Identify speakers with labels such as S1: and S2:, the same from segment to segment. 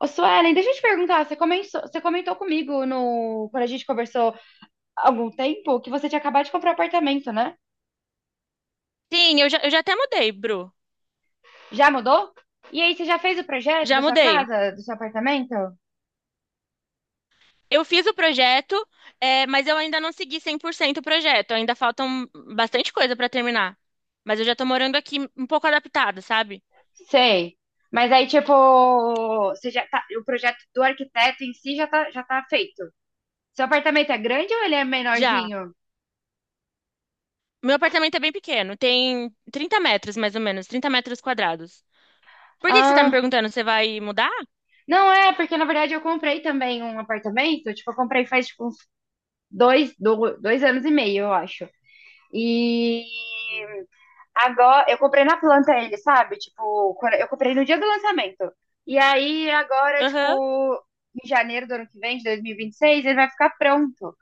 S1: Ô, Suelen, deixa eu te perguntar, você comentou comigo no, quando a gente conversou há algum tempo que você tinha acabado de comprar apartamento, né?
S2: Sim, eu já até mudei, Bru.
S1: Já mudou? E aí, você já fez o projeto
S2: Já
S1: da sua
S2: mudei.
S1: casa, do seu apartamento?
S2: Eu fiz o projeto, mas eu ainda não segui 100% o projeto. Ainda faltam bastante coisa pra terminar. Mas eu já tô morando aqui um pouco adaptada, sabe?
S1: Sei. Mas aí, tipo, você já tá, o projeto do arquiteto em si já tá feito. Seu apartamento é grande ou ele é
S2: Já.
S1: menorzinho?
S2: Meu apartamento é bem pequeno, tem 30 metros mais ou menos, 30 metros quadrados. Por que que você tá me
S1: Ah,
S2: perguntando? Você vai mudar?
S1: não é, porque na verdade eu comprei também um apartamento, tipo, eu comprei faz tipo uns dois anos e meio, eu acho. E agora, eu comprei na planta ele, sabe? Tipo, eu comprei no dia do lançamento. E aí, agora,
S2: Aham.
S1: tipo, em janeiro do ano que vem, de 2026, ele vai ficar pronto.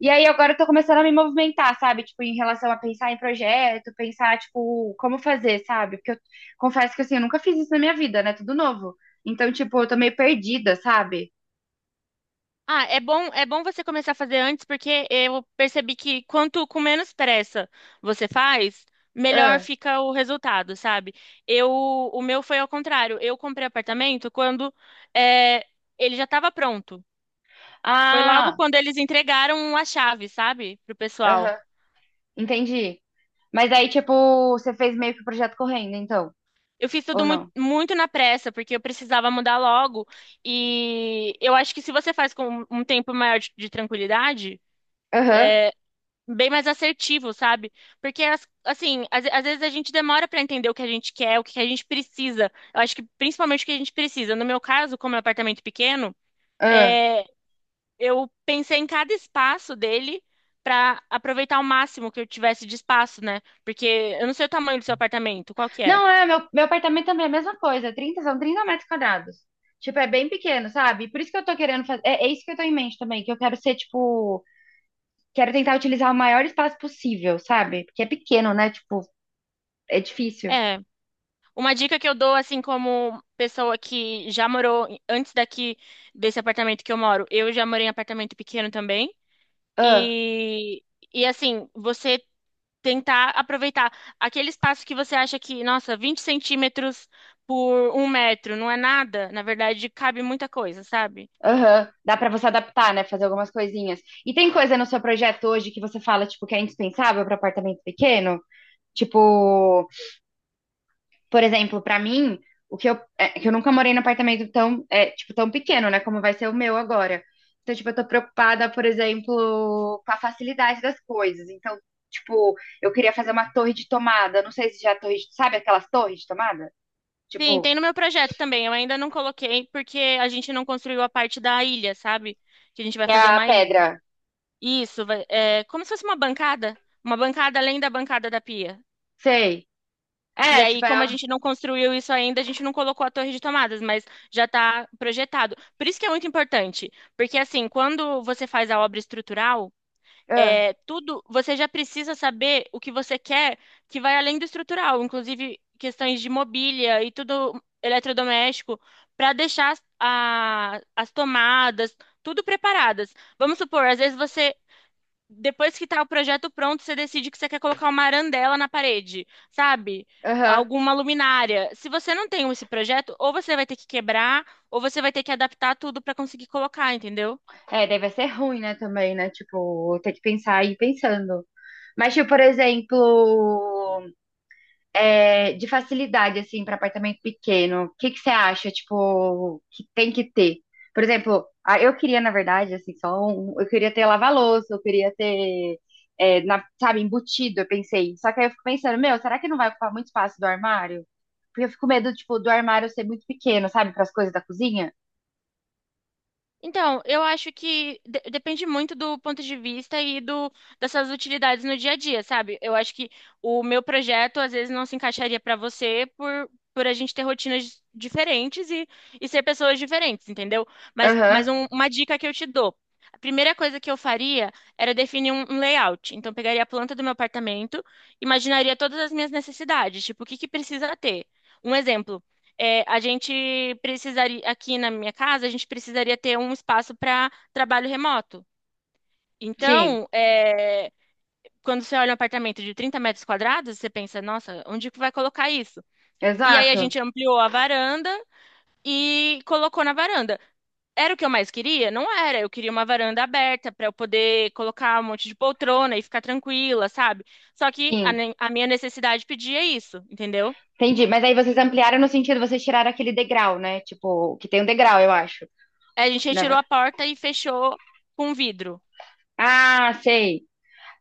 S1: E aí, agora eu tô começando a me movimentar, sabe? Tipo, em relação a pensar em projeto, pensar, tipo, como fazer, sabe? Porque eu confesso que, assim, eu nunca fiz isso na minha vida, né? Tudo novo. Então, tipo, eu tô meio perdida, sabe?
S2: Ah, é bom você começar a fazer antes, porque eu percebi que quanto com menos pressa você faz, melhor
S1: Ah,
S2: fica o resultado, sabe? Eu, o meu foi ao contrário. Eu comprei apartamento quando é, ele já estava pronto. Foi logo
S1: ah,
S2: quando eles entregaram a chave, sabe, pro pessoal.
S1: aham, entendi. Mas aí, tipo, você fez meio que o projeto correndo, então,
S2: Eu fiz tudo
S1: ou
S2: muito,
S1: não?
S2: muito na pressa, porque eu precisava mudar logo. E eu acho que se você faz com um tempo maior de tranquilidade
S1: Aham.
S2: bem mais assertivo, sabe? Porque, assim, às vezes a gente demora pra entender o que a gente quer, o que a gente precisa. Eu acho que principalmente o que a gente precisa. No meu caso, como é um apartamento pequeno,
S1: Aham.
S2: é, eu pensei em cada espaço dele pra aproveitar o máximo que eu tivesse de espaço, né? Porque eu não sei o tamanho do seu apartamento, qual que é?
S1: Não, é, meu apartamento também é a mesma coisa. Trinta, são 30 metros quadrados. Tipo, é bem pequeno, sabe? Por isso que eu tô querendo fazer. É, é isso que eu tô em mente também, que eu quero ser, tipo. Quero tentar utilizar o maior espaço possível, sabe? Porque é pequeno, né? Tipo, é difícil.
S2: É, uma dica que eu dou, assim, como pessoa que já morou antes daqui desse apartamento que eu moro, eu já morei em apartamento pequeno também.
S1: Ah,
S2: E, e assim, você tentar aproveitar aquele espaço que você acha que, nossa, 20 centímetros por um metro não é nada, na verdade, cabe muita coisa, sabe?
S1: aham. Dá pra você adaptar, né? Fazer algumas coisinhas. E tem coisa no seu projeto hoje que você fala, tipo, que é indispensável pra apartamento pequeno? Tipo. Por exemplo, pra mim, o que eu, é que eu nunca morei num apartamento tão, é, tipo, tão pequeno, né? Como vai ser o meu agora. Então, tipo, eu tô preocupada, por exemplo, com a facilidade das coisas. Então, tipo, eu queria fazer uma torre de tomada. Não sei se já é torre, sabe aquelas torres de tomada?
S2: Sim,
S1: Tipo,
S2: tem no meu projeto também. Eu ainda não coloquei porque a gente não construiu a parte da ilha, sabe? Que a gente vai
S1: que é
S2: fazer
S1: a
S2: uma ilha.
S1: pedra.
S2: Isso, é como se fosse uma bancada. Uma bancada além da bancada da pia.
S1: Sei.
S2: E
S1: É,
S2: aí,
S1: tipo, é.
S2: como a gente não construiu isso ainda, a gente não colocou a torre de tomadas, mas já está projetado. Por isso que é muito importante, porque assim, quando você faz a obra estrutural,
S1: Ah,
S2: é tudo, você já precisa saber o que você quer que vai além do estrutural, inclusive questões de mobília e tudo eletrodoméstico, para deixar as as tomadas tudo preparadas. Vamos supor, às vezes você depois que tá o projeto pronto, você decide que você quer colocar uma arandela na parede, sabe?
S1: Aham.
S2: Alguma luminária. Se você não tem esse projeto, ou você vai ter que quebrar, ou você vai ter que adaptar tudo para conseguir colocar, entendeu?
S1: É, daí vai ser ruim, né, também, né? Tipo, ter que pensar e ir pensando. Mas, tipo, por exemplo. É, de facilidade, assim, para apartamento pequeno, o que que você acha, tipo, que tem que ter? Por exemplo, eu queria, na verdade, assim, só eu queria ter lava-louça, eu queria ter, é, sabe, embutido, eu pensei. Só que aí eu fico pensando, meu, será que não vai ocupar muito espaço do armário? Porque eu fico com medo, tipo, do armário ser muito pequeno, sabe, para as coisas da cozinha.
S2: Então, eu acho que depende muito do ponto de vista e do dessas utilidades no dia a dia, sabe? Eu acho que o meu projeto às vezes não se encaixaria para você por a gente ter rotinas diferentes e ser pessoas diferentes, entendeu? Mas,
S1: Aham,
S2: mas uma dica que eu te dou. A primeira coisa que eu faria era definir um layout. Então, eu pegaria a planta do meu apartamento, imaginaria todas as minhas necessidades, tipo, o que que precisa ter. Um exemplo é, a gente precisaria, aqui na minha casa, a gente precisaria ter um espaço para trabalho remoto.
S1: sim,
S2: Então, quando você olha um apartamento de 30 metros quadrados, você pensa, nossa, onde que vai colocar isso? E aí a
S1: exato,
S2: gente ampliou a varanda e colocou na varanda. Era o que eu mais queria? Não era. Eu queria uma varanda aberta para eu poder colocar um monte de poltrona e ficar tranquila, sabe? Só que a,
S1: sim.
S2: a minha necessidade pedia isso, entendeu?
S1: Entendi, mas aí vocês ampliaram no sentido, vocês tiraram aquele degrau, né? Tipo, que tem um degrau, eu acho.
S2: A gente
S1: Né?
S2: retirou a porta e fechou com vidro.
S1: Ah, sei.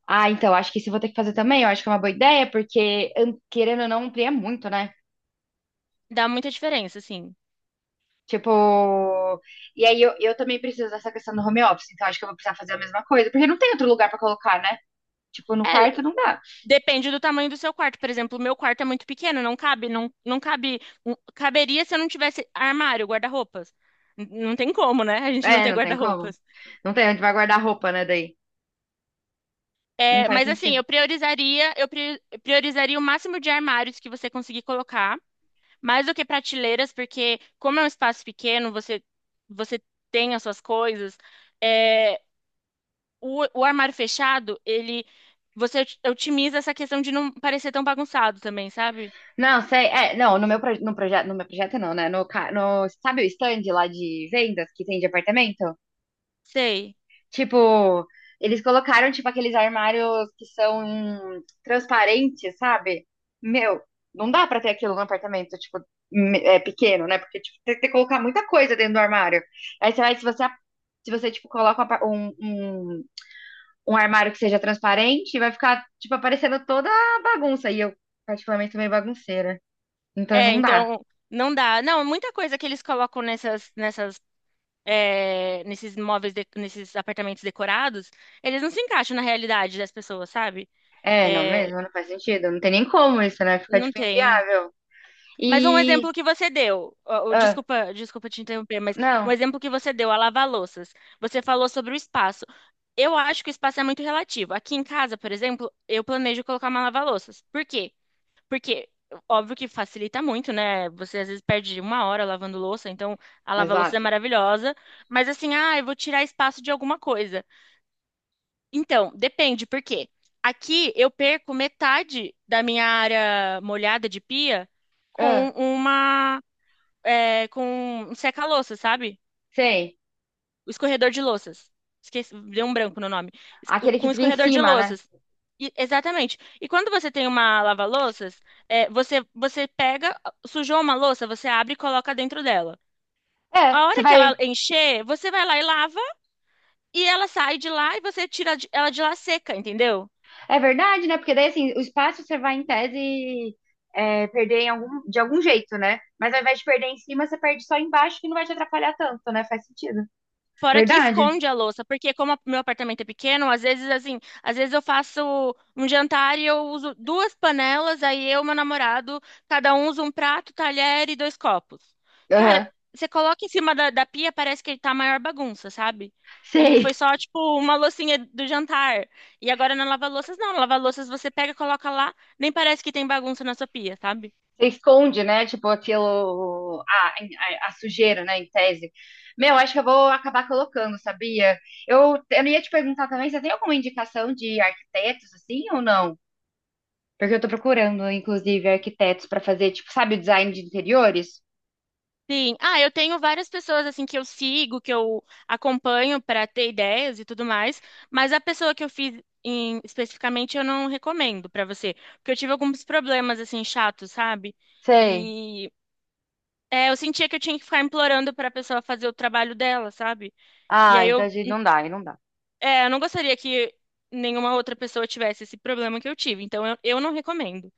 S1: Ah, então, acho que isso eu vou ter que fazer também. Eu acho que é uma boa ideia, porque querendo ou não, amplia muito, né?
S2: Dá muita diferença, assim.
S1: Tipo. E aí eu também preciso dessa questão do home office, então acho que eu vou precisar fazer a mesma coisa, porque não tem outro lugar pra colocar, né? Tipo, no
S2: É,
S1: quarto não dá.
S2: depende do tamanho do seu quarto. Por exemplo, o meu quarto é muito pequeno, não cabe, não, não cabe. Caberia se eu não tivesse armário, guarda-roupas. Não tem como, né? A gente não
S1: É,
S2: ter
S1: não tem como.
S2: guarda-roupas.
S1: Não tem onde vai guardar roupa, né? Daí. Não
S2: É,
S1: faz
S2: mas assim,
S1: sentido.
S2: eu priorizaria, priorizaria o máximo de armários que você conseguir colocar, mais do que prateleiras, porque como é um espaço pequeno, você tem as suas coisas. é, o armário fechado, ele você otimiza essa questão de não parecer tão bagunçado também, sabe?
S1: Não, sei. É, não, no meu, no projeto, no meu projeto não, né? No, ca- no, sabe o stand lá de vendas que tem de apartamento?
S2: Sei.
S1: Tipo, eles colocaram, tipo, aqueles armários que são transparentes, sabe? Meu, não dá pra ter aquilo no apartamento, tipo, é pequeno, né? Porque, tipo, tem que colocar muita coisa dentro do armário. Aí você vai, se você, tipo, coloca um, apa- um, um um armário que seja transparente, vai ficar, tipo, aparecendo toda a bagunça. E eu, particularmente, sou meio bagunceira. Então
S2: É,
S1: não dá.
S2: então não dá. Não, muita coisa que eles colocam nessas nesses móveis nesses apartamentos decorados, eles não se encaixam na realidade das pessoas, sabe?
S1: É, não
S2: É,
S1: mesmo, não faz sentido. Não tem nem como isso, né? Fica,
S2: não
S1: tipo,
S2: tem.
S1: inviável.
S2: Mas um
S1: E.
S2: exemplo que você deu, ó, ó,
S1: Ah,
S2: desculpa, desculpa te interromper, mas um
S1: não,
S2: exemplo que você deu, a lava-louças. Você falou sobre o espaço. Eu acho que o espaço é muito relativo. Aqui em casa, por exemplo, eu planejo colocar uma lava-louças. Por quê? Porque, óbvio que facilita muito, né? Você às vezes perde uma hora lavando louça, então a lava-louças é
S1: exato.
S2: maravilhosa. Mas assim, ah, eu vou tirar espaço de alguma coisa. Então, depende, por quê? Aqui eu perco metade da minha área molhada de pia com
S1: Ah,
S2: uma com um seca-louças, sabe?
S1: sei.
S2: O escorredor de louças. Esqueci, deu um branco no nome. Es-
S1: Aquele que
S2: Com
S1: fica em
S2: escorredor de
S1: cima, né?
S2: louças. Exatamente. E quando você tem uma lava-louças, você pega, sujou uma louça, você abre e coloca dentro dela.
S1: É,
S2: A
S1: você
S2: hora que ela
S1: vai.
S2: encher, você vai lá e lava, e ela sai de lá e você tira ela de lá seca, entendeu?
S1: É verdade, né? Porque daí, assim, o espaço você vai, em tese, é, perder em algum... de algum jeito, né? Mas ao invés de perder em cima, você perde só embaixo, que não vai te atrapalhar tanto, né? Faz sentido.
S2: Fora que
S1: Verdade.
S2: esconde a louça, porque como meu apartamento é pequeno, às vezes assim, às vezes eu faço um jantar e eu uso duas panelas, aí eu e meu namorado, cada um usa um prato, talher e dois copos. Cara,
S1: Aham.
S2: você coloca em cima da pia, parece que tá a maior bagunça, sabe? E
S1: Sei.
S2: foi só, tipo, uma loucinha do jantar. E agora na lava-louças, não. Na lava-louças você pega, coloca lá, nem parece que tem bagunça na sua pia, sabe?
S1: Você esconde, né? Tipo, aquilo. A sujeira, né? Em tese. Meu, acho que eu vou acabar colocando, sabia? Eu ia te perguntar também, você tem alguma indicação de arquitetos, assim, ou não? Porque eu tô procurando, inclusive, arquitetos pra fazer, tipo, sabe, o design de interiores?
S2: Sim. Ah, eu tenho várias pessoas assim que eu sigo, que eu acompanho para ter ideias e tudo mais, mas a pessoa que eu fiz especificamente eu não recomendo para você, porque eu tive alguns problemas assim chatos, sabe?
S1: Sei.
S2: E eu sentia que eu tinha que ficar implorando para a pessoa fazer o trabalho dela, sabe? E
S1: Ah,
S2: aí
S1: então
S2: eu,
S1: a gente não dá, aí não dá.
S2: eu não gostaria que nenhuma outra pessoa tivesse esse problema que eu tive, então eu não recomendo.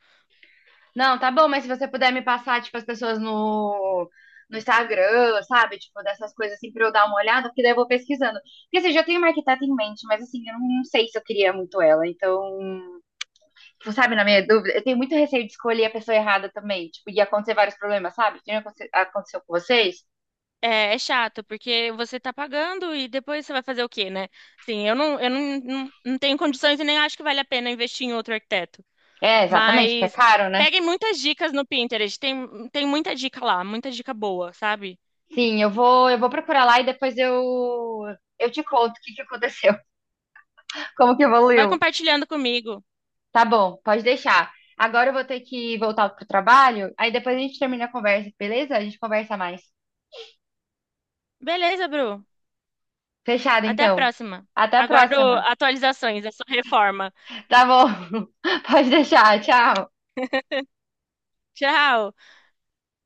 S1: Não, tá bom, mas se você puder me passar, tipo, as pessoas no Instagram, sabe? Tipo, dessas coisas assim, pra eu dar uma olhada, porque daí eu vou pesquisando. Porque assim, eu já tenho uma arquiteta em mente, mas assim, eu não sei se eu queria muito ela. Então, tipo, sabe, na minha dúvida, eu tenho muito receio de escolher a pessoa errada também. Tipo, ia acontecer vários problemas, sabe? Que nem aconteceu com vocês.
S2: É, é chato, porque você tá pagando e depois você vai fazer o quê, né? Assim, eu não, não, não tenho condições e nem acho que vale a pena investir em outro arquiteto.
S1: É, exatamente, porque é
S2: Mas
S1: caro, né?
S2: peguem muitas dicas no Pinterest, tem muita dica lá, muita dica boa, sabe?
S1: Sim, eu vou procurar lá e depois eu te conto o que que aconteceu, como que
S2: Vai
S1: evoluiu.
S2: compartilhando comigo.
S1: Tá bom, pode deixar. Agora eu vou ter que voltar pro trabalho, aí depois a gente termina a conversa, beleza? A gente conversa mais.
S2: Beleza, Bru.
S1: Fechado,
S2: Até a
S1: então.
S2: próxima.
S1: Até a
S2: Aguardo
S1: próxima.
S2: atualizações da sua reforma.
S1: Tá bom. Pode deixar. Tchau.
S2: Tchau!